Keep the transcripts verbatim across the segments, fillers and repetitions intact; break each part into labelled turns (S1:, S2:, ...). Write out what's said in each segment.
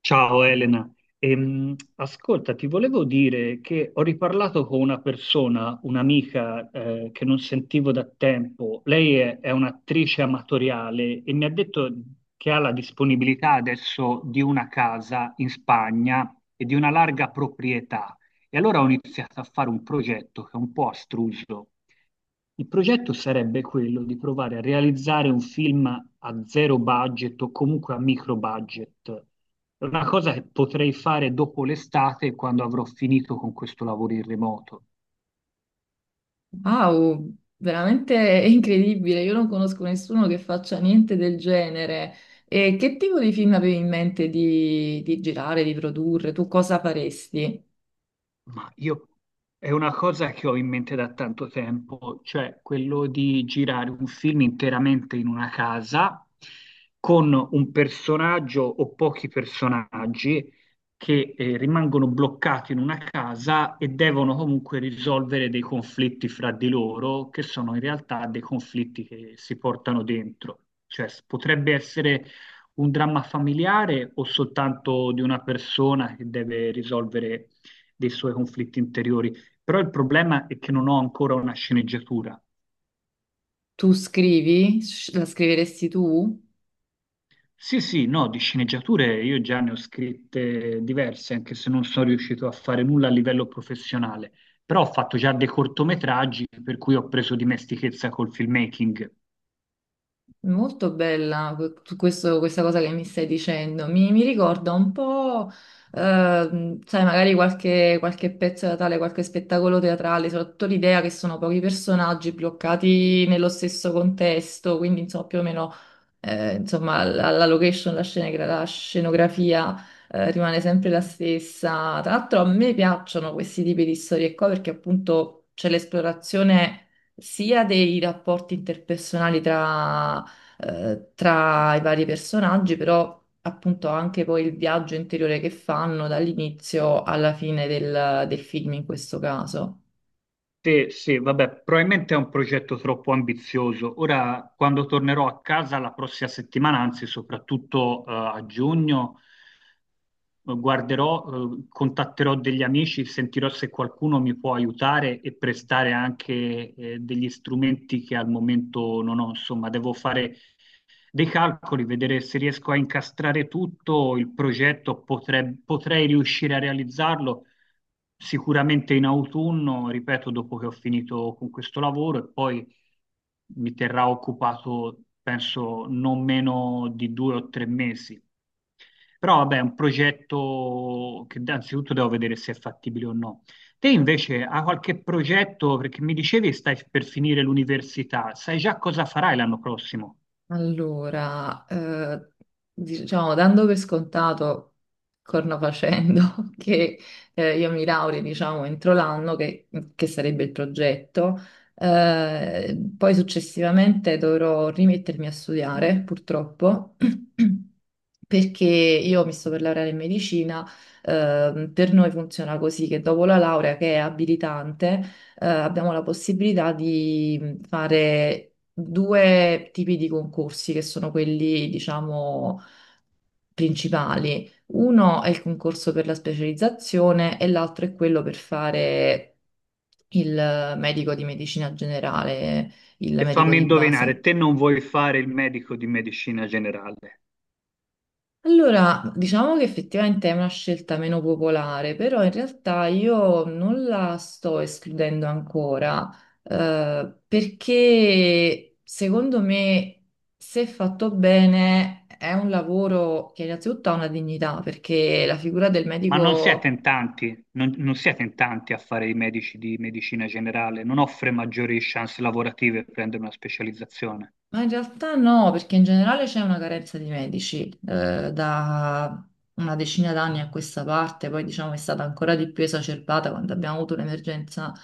S1: Ciao Elena. Ehm, ascolta, ti volevo dire che ho riparlato con una persona, un'amica eh, che non sentivo da tempo. Lei è, è un'attrice amatoriale e mi ha detto che ha la disponibilità adesso di una casa in Spagna e di una larga proprietà. E allora ho iniziato a fare un progetto che è un po' astruso. Il progetto sarebbe quello di provare a realizzare un film a zero budget o comunque a micro budget. È una cosa che potrei fare dopo l'estate, quando avrò finito con questo lavoro in remoto.
S2: Wow, veramente è incredibile. Io non conosco nessuno che faccia niente del genere. E che tipo di film avevi in mente di, di girare, di produrre? Tu cosa faresti?
S1: Ma io è una cosa che ho in mente da tanto tempo, cioè quello di girare un film interamente in una casa con un personaggio o pochi personaggi che eh, rimangono bloccati in una casa e devono comunque risolvere dei conflitti fra di loro, che sono in realtà dei conflitti che si portano dentro. Cioè s- potrebbe essere un dramma familiare o soltanto di una persona che deve risolvere dei suoi conflitti interiori. Però il problema è che non ho ancora una sceneggiatura.
S2: Tu scrivi? Sci- La scriveresti tu?
S1: Sì, sì, no, di sceneggiature io già ne ho scritte diverse, anche se non sono riuscito a fare nulla a livello professionale, però ho fatto già dei cortometraggi per cui ho preso dimestichezza col filmmaking.
S2: Molto bella que- tu- questo- questa cosa che mi stai dicendo. Mi, mi ricorda un po', ehm, sai, magari qualche, qualche pezzo teatrale, qualche spettacolo teatrale, soprattutto l'idea che sono pochi personaggi bloccati nello stesso contesto, quindi insomma più o meno eh, insomma, la, la location, la scenegra- la scenografia eh, rimane sempre la stessa. Tra l'altro a me piacciono questi tipi di storie qua perché appunto c'è l'esplorazione sia dei rapporti interpersonali tra, eh, tra i vari personaggi, però appunto anche poi il viaggio interiore che fanno dall'inizio alla fine del del film in questo caso.
S1: Sì, sì, vabbè, probabilmente è un progetto troppo ambizioso. Ora, quando tornerò a casa la prossima settimana, anzi soprattutto eh, a giugno, Eh, guarderò, eh, contatterò degli amici, sentirò se qualcuno mi può aiutare e prestare anche eh, degli strumenti che al momento non ho. Insomma, devo fare dei calcoli, vedere se riesco a incastrare tutto il progetto, potrei, potrei riuscire a realizzarlo sicuramente in autunno, ripeto, dopo che ho finito con questo lavoro e poi mi terrà occupato, penso, non meno di due o tre mesi. Però vabbè, è un progetto che innanzitutto devo vedere se è fattibile o no. Te invece hai qualche progetto, perché mi dicevi stai per finire l'università, sai già cosa farai l'anno prossimo?
S2: Allora, eh, diciamo, dando per scontato, corna facendo, che eh, io mi laurei, diciamo, entro l'anno, che, che sarebbe il progetto, eh, poi successivamente dovrò rimettermi a studiare, purtroppo, perché io mi sto per laureare in medicina. Eh, per noi funziona così che dopo la laurea, che è abilitante, eh, abbiamo la possibilità di fare due tipi di concorsi che sono quelli, diciamo, principali. Uno è il concorso per la specializzazione e l'altro è quello per fare il medico di medicina generale, il
S1: E
S2: medico
S1: fammi
S2: di base.
S1: indovinare, te non vuoi fare il medico di medicina generale,
S2: Allora, diciamo che effettivamente è una scelta meno popolare, però in realtà io non la sto escludendo ancora, eh, perché secondo me, se fatto bene, è un lavoro che innanzitutto ha una dignità, perché la figura del
S1: ma non
S2: medico.
S1: siete in tanti, non, non siete in tanti a fare i medici di medicina generale, non offre maggiori chance lavorative per prendere una specializzazione.
S2: Ma in realtà no, perché in generale c'è una carenza di medici eh, da una decina d'anni a questa parte, poi diciamo è stata ancora di più esacerbata quando abbiamo avuto l'emergenza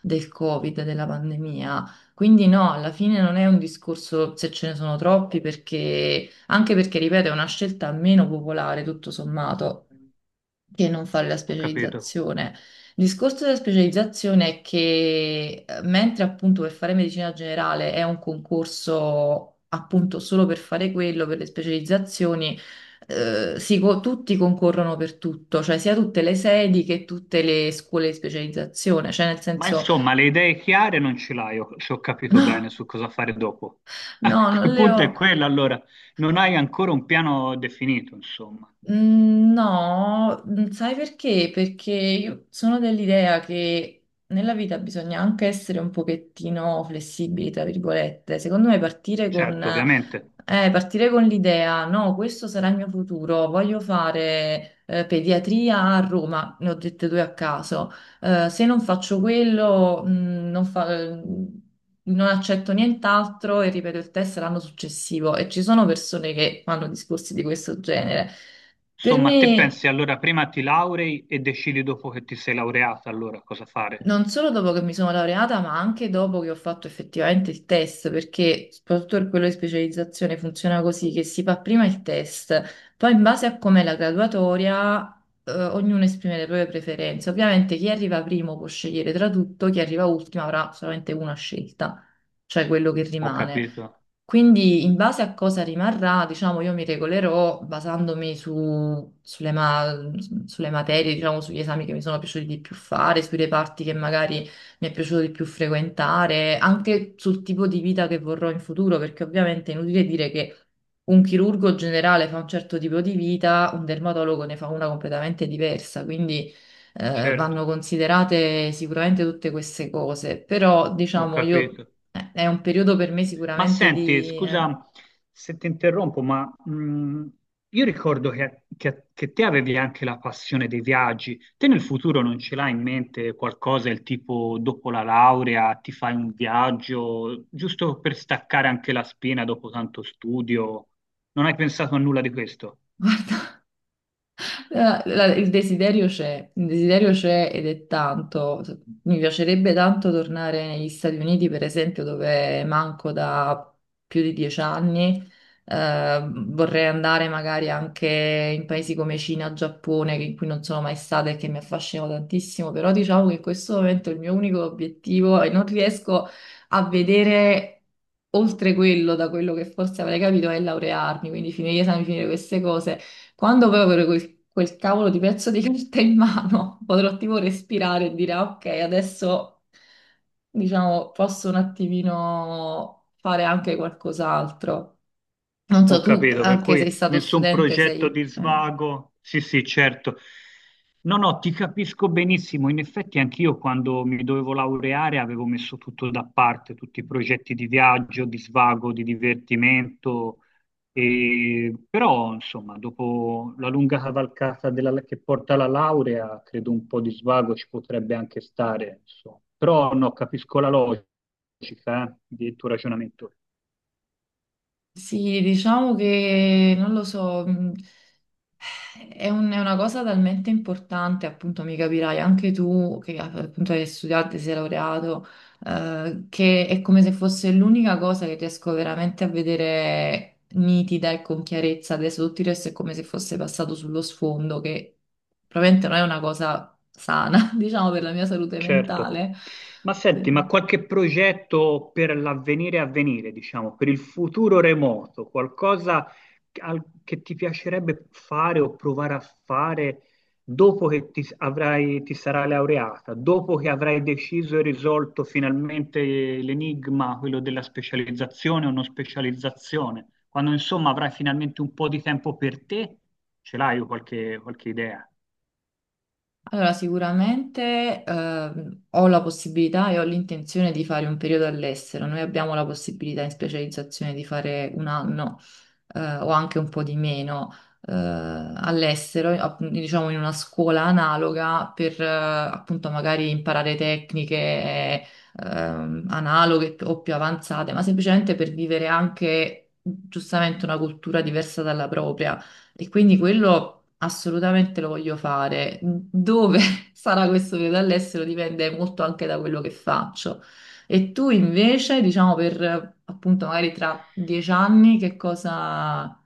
S2: del Covid, della pandemia. Quindi no, alla fine non è un discorso se ce ne sono troppi, perché anche perché, ripeto, è una scelta meno popolare tutto sommato che non fare la
S1: Ho capito.
S2: specializzazione. Il discorso della specializzazione è che eh, mentre appunto per fare medicina generale è un concorso appunto solo per fare quello, per le specializzazioni, eh, si co- tutti concorrono per tutto, cioè sia tutte le sedi che tutte le scuole di specializzazione, cioè nel
S1: Ma
S2: senso.
S1: insomma, le idee chiare non ce l'hai, ho- se ho capito bene
S2: No,
S1: su cosa fare dopo. Ah,
S2: no, non
S1: il
S2: le
S1: punto è
S2: ho.
S1: quello, allora, non hai ancora un piano definito, insomma.
S2: Mm. No, mm, sai perché? Perché io sono dell'idea che nella vita bisogna anche essere un pochettino flessibili, tra virgolette. Secondo me partire con,
S1: Certo, ovviamente.
S2: eh, partire con l'idea, no, questo sarà il mio futuro, voglio fare, eh, pediatria a Roma, ne ho dette due a caso. Eh, se non faccio quello, mm, non fa- mm, non accetto nient'altro e ripeto il test l'anno successivo. E ci sono persone che fanno discorsi di questo genere. Per me,
S1: Insomma, te pensi allora prima ti laurei e decidi dopo che ti sei laureata allora cosa fare.
S2: non solo dopo che mi sono laureata, ma anche dopo che ho fatto effettivamente il test, perché soprattutto per quello di specializzazione funziona così, che si fa prima il test, poi in base a com'è la graduatoria, eh, ognuno esprime le proprie preferenze. Ovviamente chi arriva primo può scegliere tra tutto, chi arriva ultimo avrà solamente una scelta, cioè quello che
S1: Ho
S2: rimane.
S1: capito,
S2: Quindi in base a cosa rimarrà, diciamo, io mi regolerò basandomi su- sulle, ma- sulle materie, diciamo, sugli esami che mi sono piaciuti di più fare, sui reparti che magari mi è piaciuto di più frequentare, anche sul tipo di vita che vorrò in futuro, perché ovviamente è inutile dire che un chirurgo generale fa un certo tipo di vita, un dermatologo ne fa una completamente diversa, quindi eh,
S1: certo,
S2: vanno considerate sicuramente tutte queste cose, però
S1: ho
S2: diciamo io
S1: capito.
S2: eh, è un periodo per me
S1: Ma
S2: sicuramente
S1: senti,
S2: di eh,
S1: scusa se ti interrompo, ma mh, io ricordo che, che- che te avevi anche la passione dei viaggi. Te nel futuro non ce l'hai in mente qualcosa, il tipo dopo la laurea ti fai un viaggio, giusto per staccare anche la spina dopo tanto studio? Non hai pensato a nulla di questo?
S2: guarda. Eh, la- Il desiderio c'è, il desiderio c'è ed è tanto. Mi piacerebbe tanto tornare negli Stati Uniti, per esempio, dove manco da più di dieci anni. Eh, vorrei andare magari anche in paesi come Cina, Giappone, che- in cui non sono mai stata e che mi affascinano tantissimo, però diciamo che in questo momento il mio unico obiettivo è non riesco a vedere oltre quello, da quello che forse avrei capito, è laurearmi, quindi finire gli esami, finire queste cose. Quando poi avrò quel, quel cavolo di pezzo di carta in mano, potrò tipo respirare e dire, "Ah, ok, adesso diciamo posso un attimino fare anche qualcos'altro. Non
S1: Ho
S2: so, tu
S1: capito, per
S2: anche sei
S1: cui
S2: stato
S1: nessun
S2: studente, sei.
S1: progetto di
S2: eh.
S1: svago. Sì, sì, certo. No, no, ti capisco benissimo. In effetti anch'io quando mi dovevo laureare avevo messo tutto da parte, tutti i progetti di viaggio, di svago, di divertimento. E- Però, insomma, dopo la lunga cavalcata della- che porta alla laurea, credo un po' di svago ci potrebbe anche stare, insomma. Però no, capisco la logica, eh, del tuo ragionamento.
S2: Sì, diciamo che non lo so. mh, È un- è una cosa talmente importante, appunto, mi capirai anche tu che appunto hai studiato, e sei laureato, eh, che è come se fosse l'unica cosa che riesco veramente a vedere nitida e con chiarezza. Adesso tutto il resto è come se fosse passato sullo sfondo, che probabilmente non è una cosa sana, diciamo, per la mia salute
S1: Certo.
S2: mentale.
S1: Ma senti, ma
S2: Sì.
S1: qualche progetto per l'avvenire a venire, diciamo, per il futuro remoto, qualcosa al- che ti piacerebbe fare o provare a fare dopo che ti, s- avrai, ti sarai laureata, dopo che avrai deciso e risolto finalmente l'enigma, quello della specializzazione o non specializzazione, quando insomma avrai finalmente un po' di tempo per te, ce l'hai qualche, qualche idea?
S2: Allora, sicuramente ehm, ho la possibilità e ho l'intenzione di fare un periodo all'estero. Noi abbiamo la possibilità in specializzazione di fare un anno eh, o anche un po' di meno eh, all'estero, app- diciamo in una scuola analoga per eh, appunto magari imparare tecniche ehm, analoghe o più avanzate, ma semplicemente per vivere anche giustamente una cultura diversa dalla propria. E quindi quello, assolutamente lo voglio fare. Dove sarà questo periodo all'estero dipende molto anche da quello che faccio. E tu invece, diciamo, per eh, appunto magari tra dieci anni, che cosa.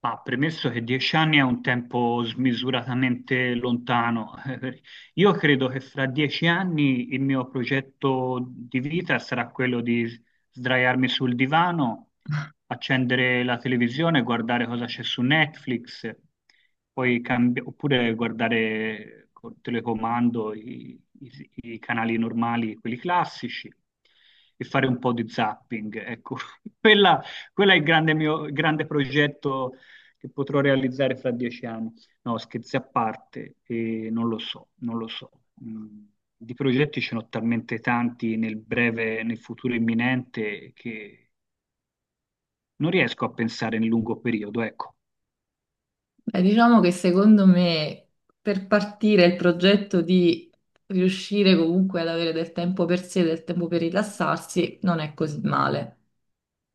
S1: Ma premesso che dieci anni è un tempo smisuratamente lontano, io credo che fra dieci anni il mio progetto di vita sarà quello di sdraiarmi sul divano, accendere la televisione, guardare cosa c'è su Netflix, poi cambi- oppure guardare col telecomando i i- i canali normali, quelli classici, e fare un po' di zapping. Ecco, quella, quello è il grande mio il grande progetto che potrò realizzare fra dieci anni. No, scherzi a parte, eh, non lo so, non lo so. Mm, Di progetti ce n'ho talmente tanti nel breve, nel futuro imminente, che non riesco a pensare in lungo periodo, ecco.
S2: Beh, diciamo che secondo me per partire il progetto di riuscire comunque ad avere del tempo per sé, del tempo per rilassarsi, non è così male.